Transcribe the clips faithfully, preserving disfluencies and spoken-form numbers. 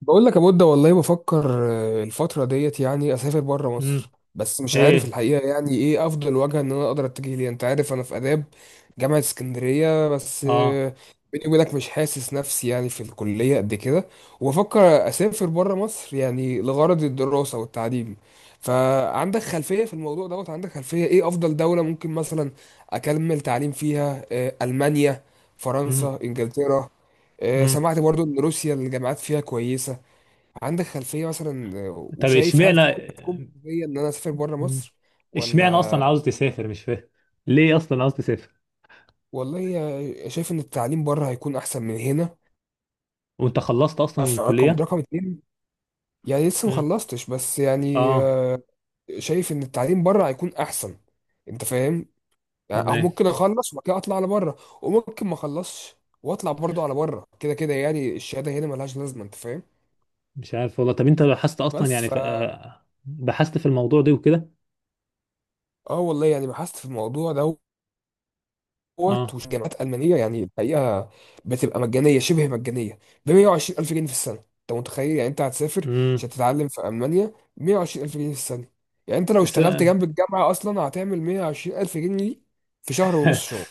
بقول لك يا بود، والله بفكر آه، الفترة ديت يعني أسافر بره امم. مصر، بس مش عارف ايه. الحقيقة يعني إيه أفضل وجهة إن أنا أقدر أتجه ليها. أنت عارف أنا في آداب جامعة اسكندرية، بس اه. آه، بيني وبينك مش حاسس نفسي يعني في الكلية قد كده. وبفكر أسافر بره مصر يعني لغرض الدراسة والتعليم. فعندك خلفية في الموضوع دوت؟ عندك خلفية إيه أفضل دولة ممكن مثلا أكمل تعليم فيها؟ آه، ألمانيا، امم. فرنسا، إنجلترا. آه، امم. سمعت برضو ان روسيا الجامعات فيها كويسة. عندك خلفية مثلا؟ آه، طب، وشايف هل فعلا اشمعنى هتكون مجدية إن أنا أسافر بره مم. مصر اشمعنى اصلا عاوز ولا؟ تسافر؟ مش فاهم ليه اصلا عاوز تسافر. والله، آه، شايف إن التعليم بره هيكون أحسن من هنا. وانت خلصت ده اصلا في رقم الكلية؟ رقم اتنين، يعني لسه امم. مخلصتش، بس يعني اه. آه، شايف إن التعليم بره هيكون أحسن. أنت فاهم؟ يعني أو تمام. ممكن أخلص وبعد كده أطلع على بره، وممكن ما أخلصش وأطلع برضه على بره. كده كده يعني الشهادة هنا ملهاش لازمة، أنت فاهم؟ مش عارف والله. طب انت بحثت اصلا بس يعني ف... فا، آه، بحثت في الموضوع ده وكده؟ آه والله يعني بحثت في الموضوع ده دوت. اه. وجامعات ألمانية يعني الحقيقة بتبقى مجانية شبه مجانية، ب مائة وعشرين ألف جنيه في السنة. أنت متخيل يعني أنت هتسافر امم. عشان تتعلم في ألمانيا مائة وعشرين ألف جنيه في السنة؟ يعني أنت لو بس اشتغلت آه، جنب الجامعة أصلا هتعمل مائة وعشرين ألف جنيه دي في شهر ونص شغل.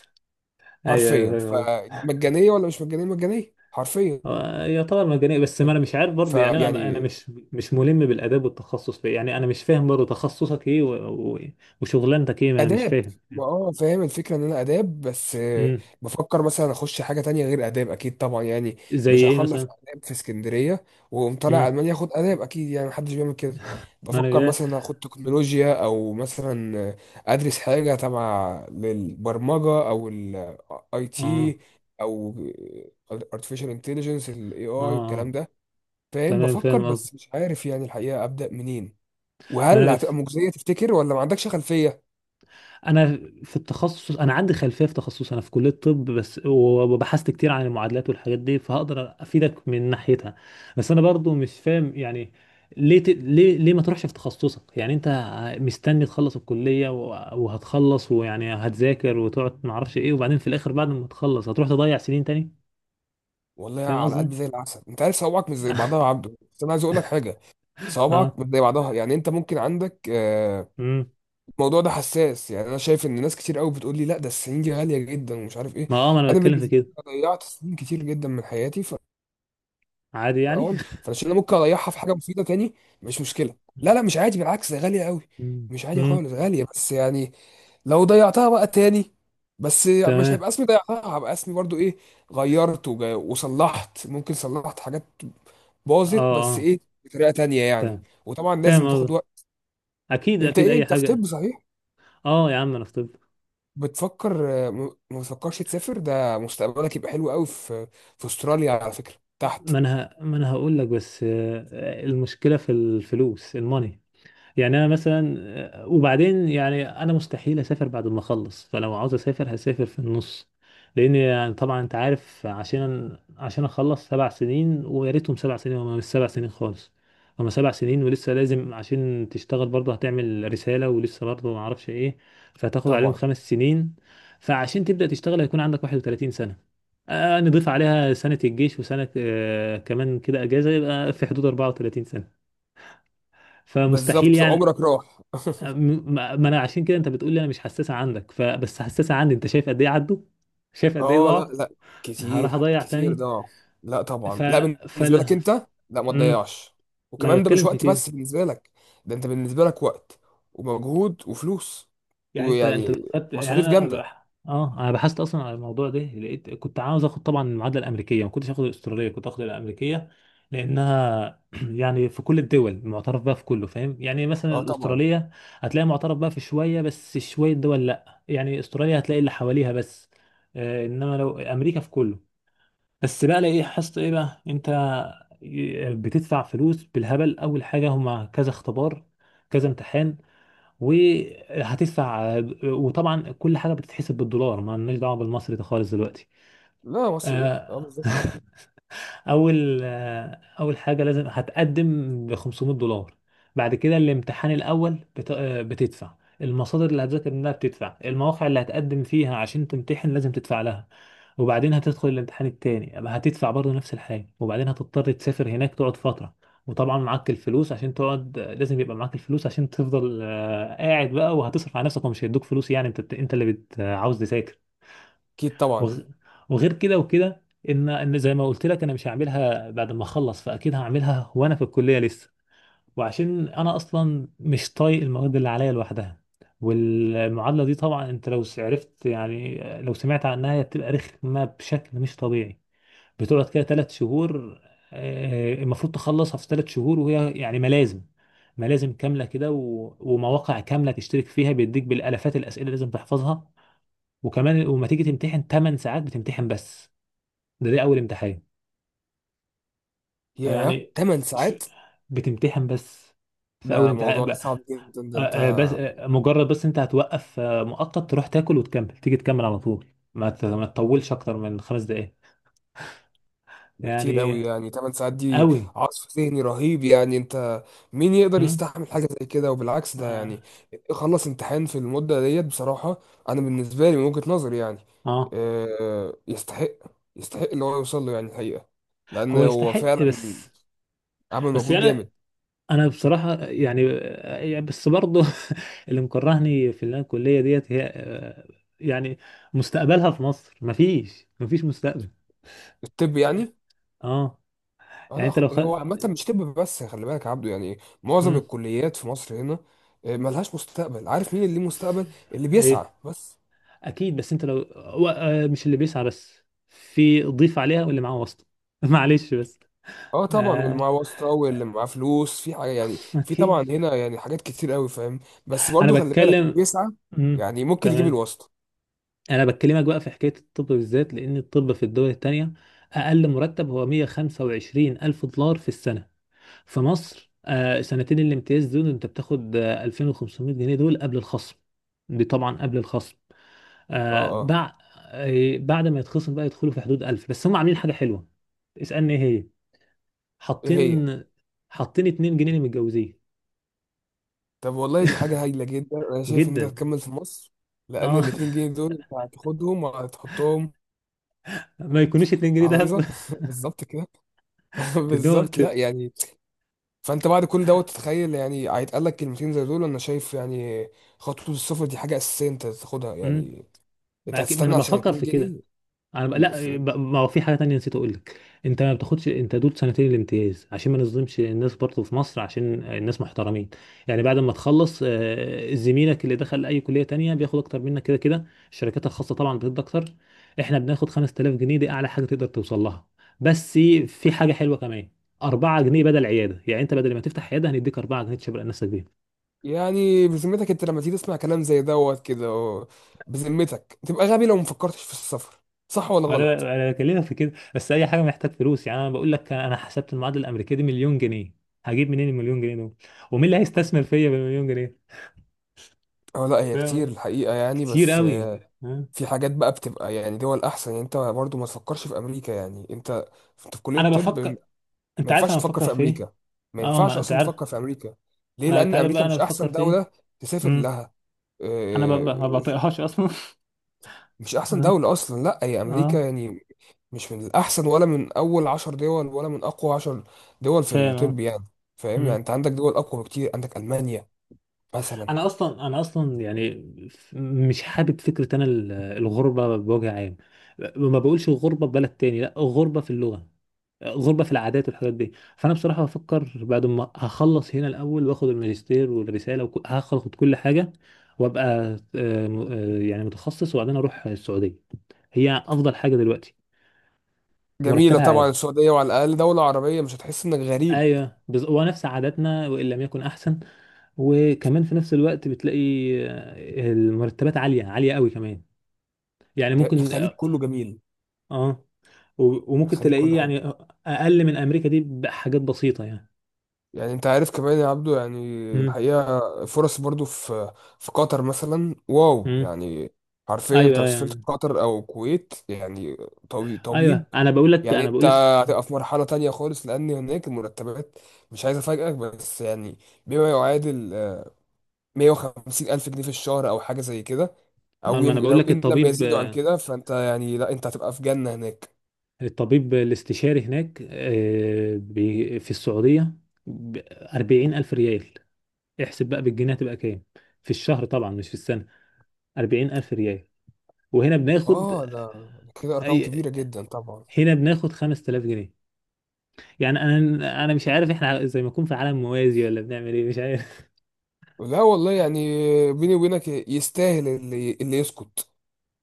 ايوه ايوه، حرفيا، فاهم قصدك. فمجانية ولا مش مجانية؟ مجانية حرفيا. آه، يعتبر مجانية، بس ما انا مش عارف برضه، يعني انا انا فيعني مش مش ملم بالاداب والتخصص، في يعني انا مش فاهم برضه تخصصك ايه و... و... وشغلانتك ايه، ما انا مش اداب، فاهم. ما اه فاهم الفكره ان انا اداب، بس آه، امم. بفكر مثلا اخش حاجه تانية غير اداب. اكيد طبعا يعني زي مش ايه هخلص مثلا؟ اداب في اسكندريه واقوم طالع امم. المانيا اخد اداب، اكيد يعني محدش بيعمل كده. ما انا بفكر جاي. مثلا اخد تكنولوجيا او مثلا آه، ادرس حاجه تبع للبرمجه او الاي اه. تي، او artificial intelligence، الاي اي اه. والكلام اه. ده. فاهم، تمام، بفكر فاهم قصدي. بس مش عارف يعني الحقيقه ابدا منين، ما وهل انا هتبقى في... مجزيه تفتكر ولا ما عندكش خلفيه؟ انا في التخصص، انا عندي خلفيه في تخصص، انا في كليه طب بس، وبحثت كتير عن المعادلات والحاجات دي، فهقدر افيدك من ناحيتها. بس انا برضو مش فاهم يعني ليه ت... ليه ليه ما تروحش في تخصصك؟ يعني انت مستني تخلص الكليه و... وهتخلص، ويعني هتذاكر وتقعد ما اعرفش ايه، وبعدين في الاخر بعد ما تخلص هتروح تضيع سنين تاني؟ والله فاهم على قصدي. قلبي زي العسل، انت عارف صوابعك مش زي بعضها يا عبده، بس انا عايز اقول لك حاجه. اه. صوابعك مش زي بعضها، يعني انت ممكن عندك آه، امم. الموضوع ده حساس. يعني انا شايف ان ناس كتير قوي بتقول لي لا، ده السنين دي غاليه جدا ومش عارف ايه. ما اه ما انا انا بتكلم في بالنسبه لي، كده. أنا ضيعت سنين كتير جدا من حياتي، عادي يعني. اهون فعشان انا ممكن اريحها في حاجه مفيده تاني. مش مشكله. لا لا، مش عادي، بالعكس، ده غاليه قوي. مم. مش عادي مم. خالص غاليه، بس يعني لو ضيعتها بقى تاني، بس مش تمام. هيبقى اسمي ضيعتها، هبقى اسمي برضو ايه؟ غيرت وج- وصلحت، ممكن صلحت حاجات اه. باظت، بس اه. ايه، بطريقه تانية يعني. تمام، وطبعا لازم فاهم تاخد قصدك. وقت. اكيد انت اكيد، ايه، اي انت في حاجه. طب صحيح؟ اه يا عم، انا في طب. بتفكر آه، م- ما بتفكرش تسافر؟ ده مستقبلك يبقى حلو قوي في في استراليا على فكره تحت. ما انا ه- ما انا هقول لك بس، آه، المشكله في الفلوس الماني. يعني انا مثلا آه، وبعدين يعني انا مستحيل اسافر بعد ما اخلص، فلو عاوز اسافر هسافر في النص، لان يعني طبعا انت عارف عشان عشان اخلص سبع سنين، ويا ريتهم سبع سنين، وما مش سبع سنين خالص، هما سبع سنين، ولسه لازم عشان تشتغل برضه هتعمل رسالة، ولسه برضه ما اعرفش ايه، فهتاخد عليهم طبعا، خمس سنين. فعشان تبدأ تشتغل هيكون عندك واحد وتلاتين سنة، آه، نضيف عليها سنة الجيش وسنة آه، كمان كده اجازة، يبقى في حدود أربعة وثلاثين سنة، فمستحيل بالظبط، يعني. عمرك راح. م- ما ما انا عشان كده، انت بتقول لي انا مش حساسه عندك، فبس حساسه عندي. انت شايف قد ايه عدوا، شايف قد ايه اه ضاعوا، لا لا، كتير. هروح اضيع كتير تاني؟ ده، لا ف طبعا لا. بالنسبه فل... لك انت، لا ما امم. تضيعش. ما انا وكمان ده مش بتكلم في وقت كده. بس بالنسبه لك، ده انت بالنسبه لك وقت ومجهود وفلوس. يعني انت انت لو ويعني خدت، يعني مصاريف انا أب... جامده. اه، انا بحثت اصلا على الموضوع ده، لقيت كنت عاوز اخد طبعا المعادله الامريكيه، ما كنتش اخد الاستراليه، كنت اخد الامريكيه، لانها يعني في كل الدول معترف بها، في كله، فاهم؟ يعني مثلا اه طبعا. الاستراليه هتلاقي معترف بها في شويه بس، شويه دول لا، يعني استراليا هتلاقي اللي حواليها بس، آه انما لو امريكا في كله. بس بقى، لا ايه حصت ايه بقى، انت بتدفع فلوس بالهبل. اول حاجه هما كذا اختبار، كذا امتحان، وهتدفع، وطبعا كل حاجه بتتحسب بالدولار، ما لناش دعوه بالمصري ده خالص دلوقتي. لا مصري ايه، اه آه، بالظبط. اول آه، اول حاجه لازم هتقدم ب خمسميه دولار. بعد كده الامتحان الاول بت- آه، بتدفع المصادر اللي هتذاكر منها، بتدفع المواقع اللي هتقدم فيها عشان تمتحن لازم تدفع لها. وبعدين هتدخل الامتحان التاني أما هتدفع برضه نفس الحاجة. وبعدين هتضطر تسافر هناك تقعد فترة، وطبعا معاك الفلوس عشان تقعد، لازم يبقى معاك الفلوس عشان تفضل آه، قاعد بقى، وهتصرف على نفسك، ومش هيدوك فلوس، يعني انت انت اللي بت... آه، عاوز تذاكر. اكيد طبعا. وغ... وغير كده وكده. ان ان زي ما قلت لك، انا مش هعملها بعد ما اخلص، فاكيد هعملها وانا في الكلية لسه، وعشان انا اصلا مش طايق المواد اللي عليا لوحدها. والمعادلة دي طبعا انت لو عرفت، يعني لو سمعت عنها، هي بتبقى رخمة بشكل مش طبيعي. بتقعد كده ثلاث شهور، آه، المفروض تخلصها في ثلاث شهور، وهي يعني ملازم ملازم كاملة كده و... ومواقع كاملة تشترك فيها بيديك، بالالافات الأسئلة اللي لازم تحفظها. وكمان وما تيجي تمتحن 8 ساعات بتمتحن بس. ده ده أول امتحان، ياه، فيعني تمن ش... ساعات؟ بتمتحن بس في أول ده امتحان موضوع ب... ده آه، صعب جدا، ده انت آه، بس آه، مجرد بس أنت هتوقف آه، مؤقت تروح تاكل وتكمل، تيجي تكمل على طول، ما ت... ما تطولش أكتر من خمس دقايق، ده كتير يعني قوي، يعني تمن ساعات دي قوي. عصف ذهني رهيب. يعني انت مين يقدر م? يستحمل حاجة زي كده؟ وبالعكس، ده آه. يعني خلص امتحان في المدة ديت بصراحة. انا بالنسبة لي من وجهة نظري يعني آه. آه، يستحق، يستحق اللي هو يوصل له يعني الحقيقة، لان هو هو يستحق، فعلا بس عمل بس مجهود جامد. يعني انا بصراحه يعني، يعني بس برضه اللي مكرهني في اللي أنا الكليه ديت هي، آه، يعني مستقبلها في مصر، مفيش مفيش مستقبل. الطب يعني؟ اه. اه يعني لا، انت خ- لو خ... هو عامة مش طب بس، خلي بالك يا عبده. يعني معظم مم. الكليات في مصر هنا آه، ملهاش مستقبل. عارف مين اللي ليه مستقبل؟ اللي بيسعى ايه. بس. اكيد، بس انت لو و- آه، مش اللي بيسعى بس، في ضيف عليها واللي معاه واسطه معلش بس. اه طبعا، واللي آه... معاه واسطه واللي معاه فلوس، في حاجه يعني في اوكي. طبعا هنا يعني حاجات كتير قوي فاهم. بس انا برضو خلي بالك، اللي بتكلم. بيسعى مم. يعني ممكن يجيب تمام. الواسطه. انا بكلمك بقى في حكايه الطب بالذات، لان الطب في الدول التانية اقل مرتب هو مائة وخمسة وعشرين الف دولار في السنه. في مصر آه، سنتين الامتياز دول انت بتاخد آه، الفين وخمسميه جنيه، دول قبل الخصم، دي طبعا قبل الخصم. اه آه، اه، بع- آه، بعد ما يتخصم بقى يدخلوا في حدود ألف. بس هم عاملين حاجه حلوه، اسالني ايه هي. ايه هي؟ حاطين حاطين اتنين جنيه للمتجوزين. طب والله، دي حاجه هايله جدا، انا شايف ان انت جدا. هتكمل في مصر. لان اه الاتنين جنيه دول انت هتاخدهم وهتحطهم ما يكونوش جنيهين على الفيزا. دهب. بالظبط كده. تدوه بالظبط ت... لا يعني. فانت بعد كل دوت تتخيل يعني هيتقال لك كلمتين زي دول، انا شايف يعني خطوه السفر دي حاجه اساسيه انت تاخدها مم. يعني. انت ما أكيد- ما انا هتستنى عشان بفكر 2 في كده. جنيه انا بقى، لا بقى، ما هو في حاجه تانية نسيت اقول لك. انت ما بتاخدش، انت دول سنتين الامتياز عشان ما نظلمش الناس برضه في مصر، عشان الناس محترمين، يعني بعد ما تخلص آه، زميلك اللي دخل اي كليه تانية بياخد اكتر منك كده كده، الشركات الخاصه طبعا بتدي اكتر. احنا بناخد خمسة الاف جنيه، دي اعلى حاجه تقدر توصل لها. بس في حاجه حلوه كمان، أربعة جنيهات بدل عياده، يعني انت بدل ما تفتح عياده هنديك اربع جنيه تشبر نفسك بيهم. يعني بذمتك انت لما تيجي تسمع كلام زي دوت كده و-، بذمتك تبقى غبي لو مفكرتش في السفر. صح ولا انا غلط؟ انا بكلمك في كده، بس اي حاجه محتاج فلوس يعني. انا بقول لك انا حسبت المعادله الامريكيه دي مليون جنيه، هجيب منين المليون جنيه دول؟ ومين اللي هيستثمر فيا بالمليون جنيه؟ اه لا، هي كتير فاهم؟ الحقيقة يعني، كتير بس قوي. آه، ها؟ في حاجات بقى بتبقى يعني دول احسن. يعني انت برضو ما تفكرش في امريكا يعني. انت انت في كلية انا طب، بفكر، ما انت عارف ينفعش انا تفكر بفكر في في ايه. امريكا، ما اه، ما ينفعش انت اصلا عارف. تفكر في امريكا. ليه؟ انا انت لان عارف امريكا بقى انا مش بفكر احسن في ايه. دولة تسافر امم. لها. انا ب- ب- آه، ما بطيقهاش اصلا مش احسن اه. دولة اصلا، لا. هي اه، امريكا يعني مش من الأحسن ولا من أول عشر دول ولا من أقوى عشر دول في فاهم. اه. الطب يعني. فاهم يعني، مم. أنت عندك دول أقوى بكتير، عندك ألمانيا مثلا. انا اصلا انا اصلا يعني ف- مش حابب فكره، انا ال- الغربه بوجه عام. ما بقولش غربه في بلد تاني، لا غربه في اللغه، غربه في العادات والحاجات دي. فانا بصراحه بفكر بعد ما هخلص هنا الاول، واخد الماجستير والرساله وك- هاخد كل حاجه، وابقى آه، م- آه، يعني متخصص، وبعدين اروح السعوديه، هي افضل حاجه دلوقتي. جميلة مرتبها طبعا عالي. السعودية، وعلى الأقل دولة عربية مش هتحس إنك غريب. ايوه بز... ونفس عاداتنا، وان لم يكن احسن. وكمان في نفس الوقت بتلاقي آه، المرتبات عالية عالية قوي كمان، يعني ج- ممكن. الخليج كله جميل. اه. و- وممكن الخليج كله تلاقيه حلو يعني اقل من امريكا دي بحاجات بسيطة يعني. يعني. انت عارف كمان يا عبدو يعني امم. الحقيقة، فرص برضو في في قطر مثلا، واو امم. يعني. حرفيا ايوه انت لو سافرت يعني. قطر او الكويت يعني، طبي- طبيب، ايوه انا بقول لك، يعني انا انت بقول الس- هتبقى في مرحلة تانية خالص. لان هناك المرتبات، مش عايز افاجئك بس يعني بما يعادل آه، مية وخمسين الف جنيه في الشهر، او حاجة زي كده. آه، او ما انا يم- بقول لو لك ان لم الطبيب، يزيدوا عن كده، فانت يعني لا، انت هتبقى في جنة هناك. الطبيب الاستشاري هناك آه، بي- في السعودية ب اربعين ألف ريال. احسب بقى بالجنيه هتبقى كام في الشهر، طبعا مش في السنة. اربعين ألف ريال، وهنا بناخد، اه ده كده ارقام أي، كبيرة جدا طبعا. هنا بناخد خمسة الاف جنيه. يعني انا، انا مش عارف احنا زي ما نكون في عالم موازي ولا بنعمل ايه، مش عارف. لا والله يعني، بيني وبينك يستاهل اللي اللي يسكت،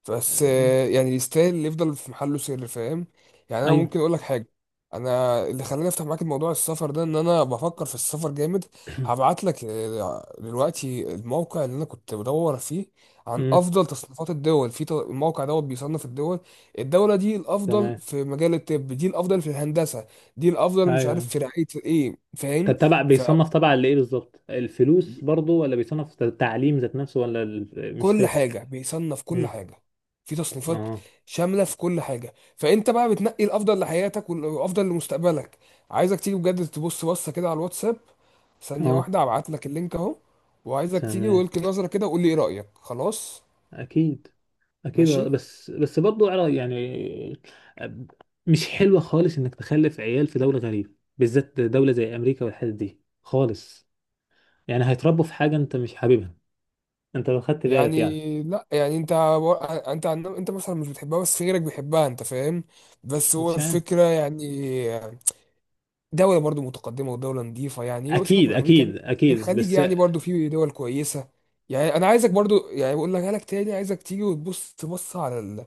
بس آه، يعني يستاهل اللي يفضل في محله سر فاهم. يعني انا ايوه. ممكن اقول لك حاجه. انا اللي خلاني افتح معاك الموضوع السفر ده ان انا بفكر في السفر جامد. هبعت لك آه، دلوقتي الموقع اللي انا كنت بدور فيه عن أمم، افضل تصنيفات الدول في ط- الموقع دوت بيصنف الدول. الدوله دي الافضل تمام. في مجال الطب، دي الافضل في الهندسه، دي الافضل مش عارف ايوه. في رعايه ايه فاهم. طب تبع بيصنف تبع لايه بالظبط؟ الفلوس برضو؟ ولا بيصنف ت- التعليم ذات نفسه؟ ولا ال- مش كل فاهم. حاجة بيصنف كل أمم، حاجة، في تصنيفات اه. شاملة في كل حاجة، فأنت بقى بتنقي الأفضل لحياتك والأفضل لمستقبلك. عايزك تيجي بجد تبص بصة كده على الواتساب، ثانية اه. واحدة هبعت لك اللينك أهو. وعايزك تيجي تمام. ولك نظرة كده وقول لي إيه رأيك. خلاص، اكيد اكيد، ماشي. بس بس برضو عرا- يعني أب- مش حلوه خالص انك تخلف عيال في دوله غريبه، بالذات دوله زي امريكا والحتت دي خالص، يعني هيتربوا في حاجه انت مش حاببها. انت لو خدت بالك يعني. يعني لا، يعني أنت و- أنت عن- أنت مثلا مش بتحبها بس غيرك بيحبها أنت فاهم. بس هو مش عارف. الفكرة يعني دولة برضو متقدمة ودولة نظيفة يعني. وسيبك اكيد من أمريكا، اكيد اكيد الخليج بس. يعني برضو فيه دول كويسة. يعني أنا عايزك برضو يعني بقول لك لك تاني، عايزك تيجي وتبص تبص على ال-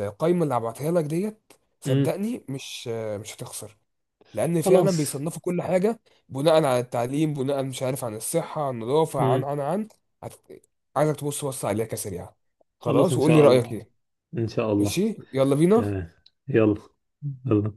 القايمة اللي هبعتها لك ديت. امم. صدقني مش مش هتخسر، لأن فعلا خلاص. بيصنفوا كل حاجة بناء على التعليم، بناء مش عارف عن الصحة عن النظافة عن امم. عن عن هت- عايزك تبص بص عليها كسريعة، خلاص، خلاص، ان وقول لي شاء رأيك الله. إيه. ان شاء الله. ماشي، يلا تمام. بينا. يلا. يلا.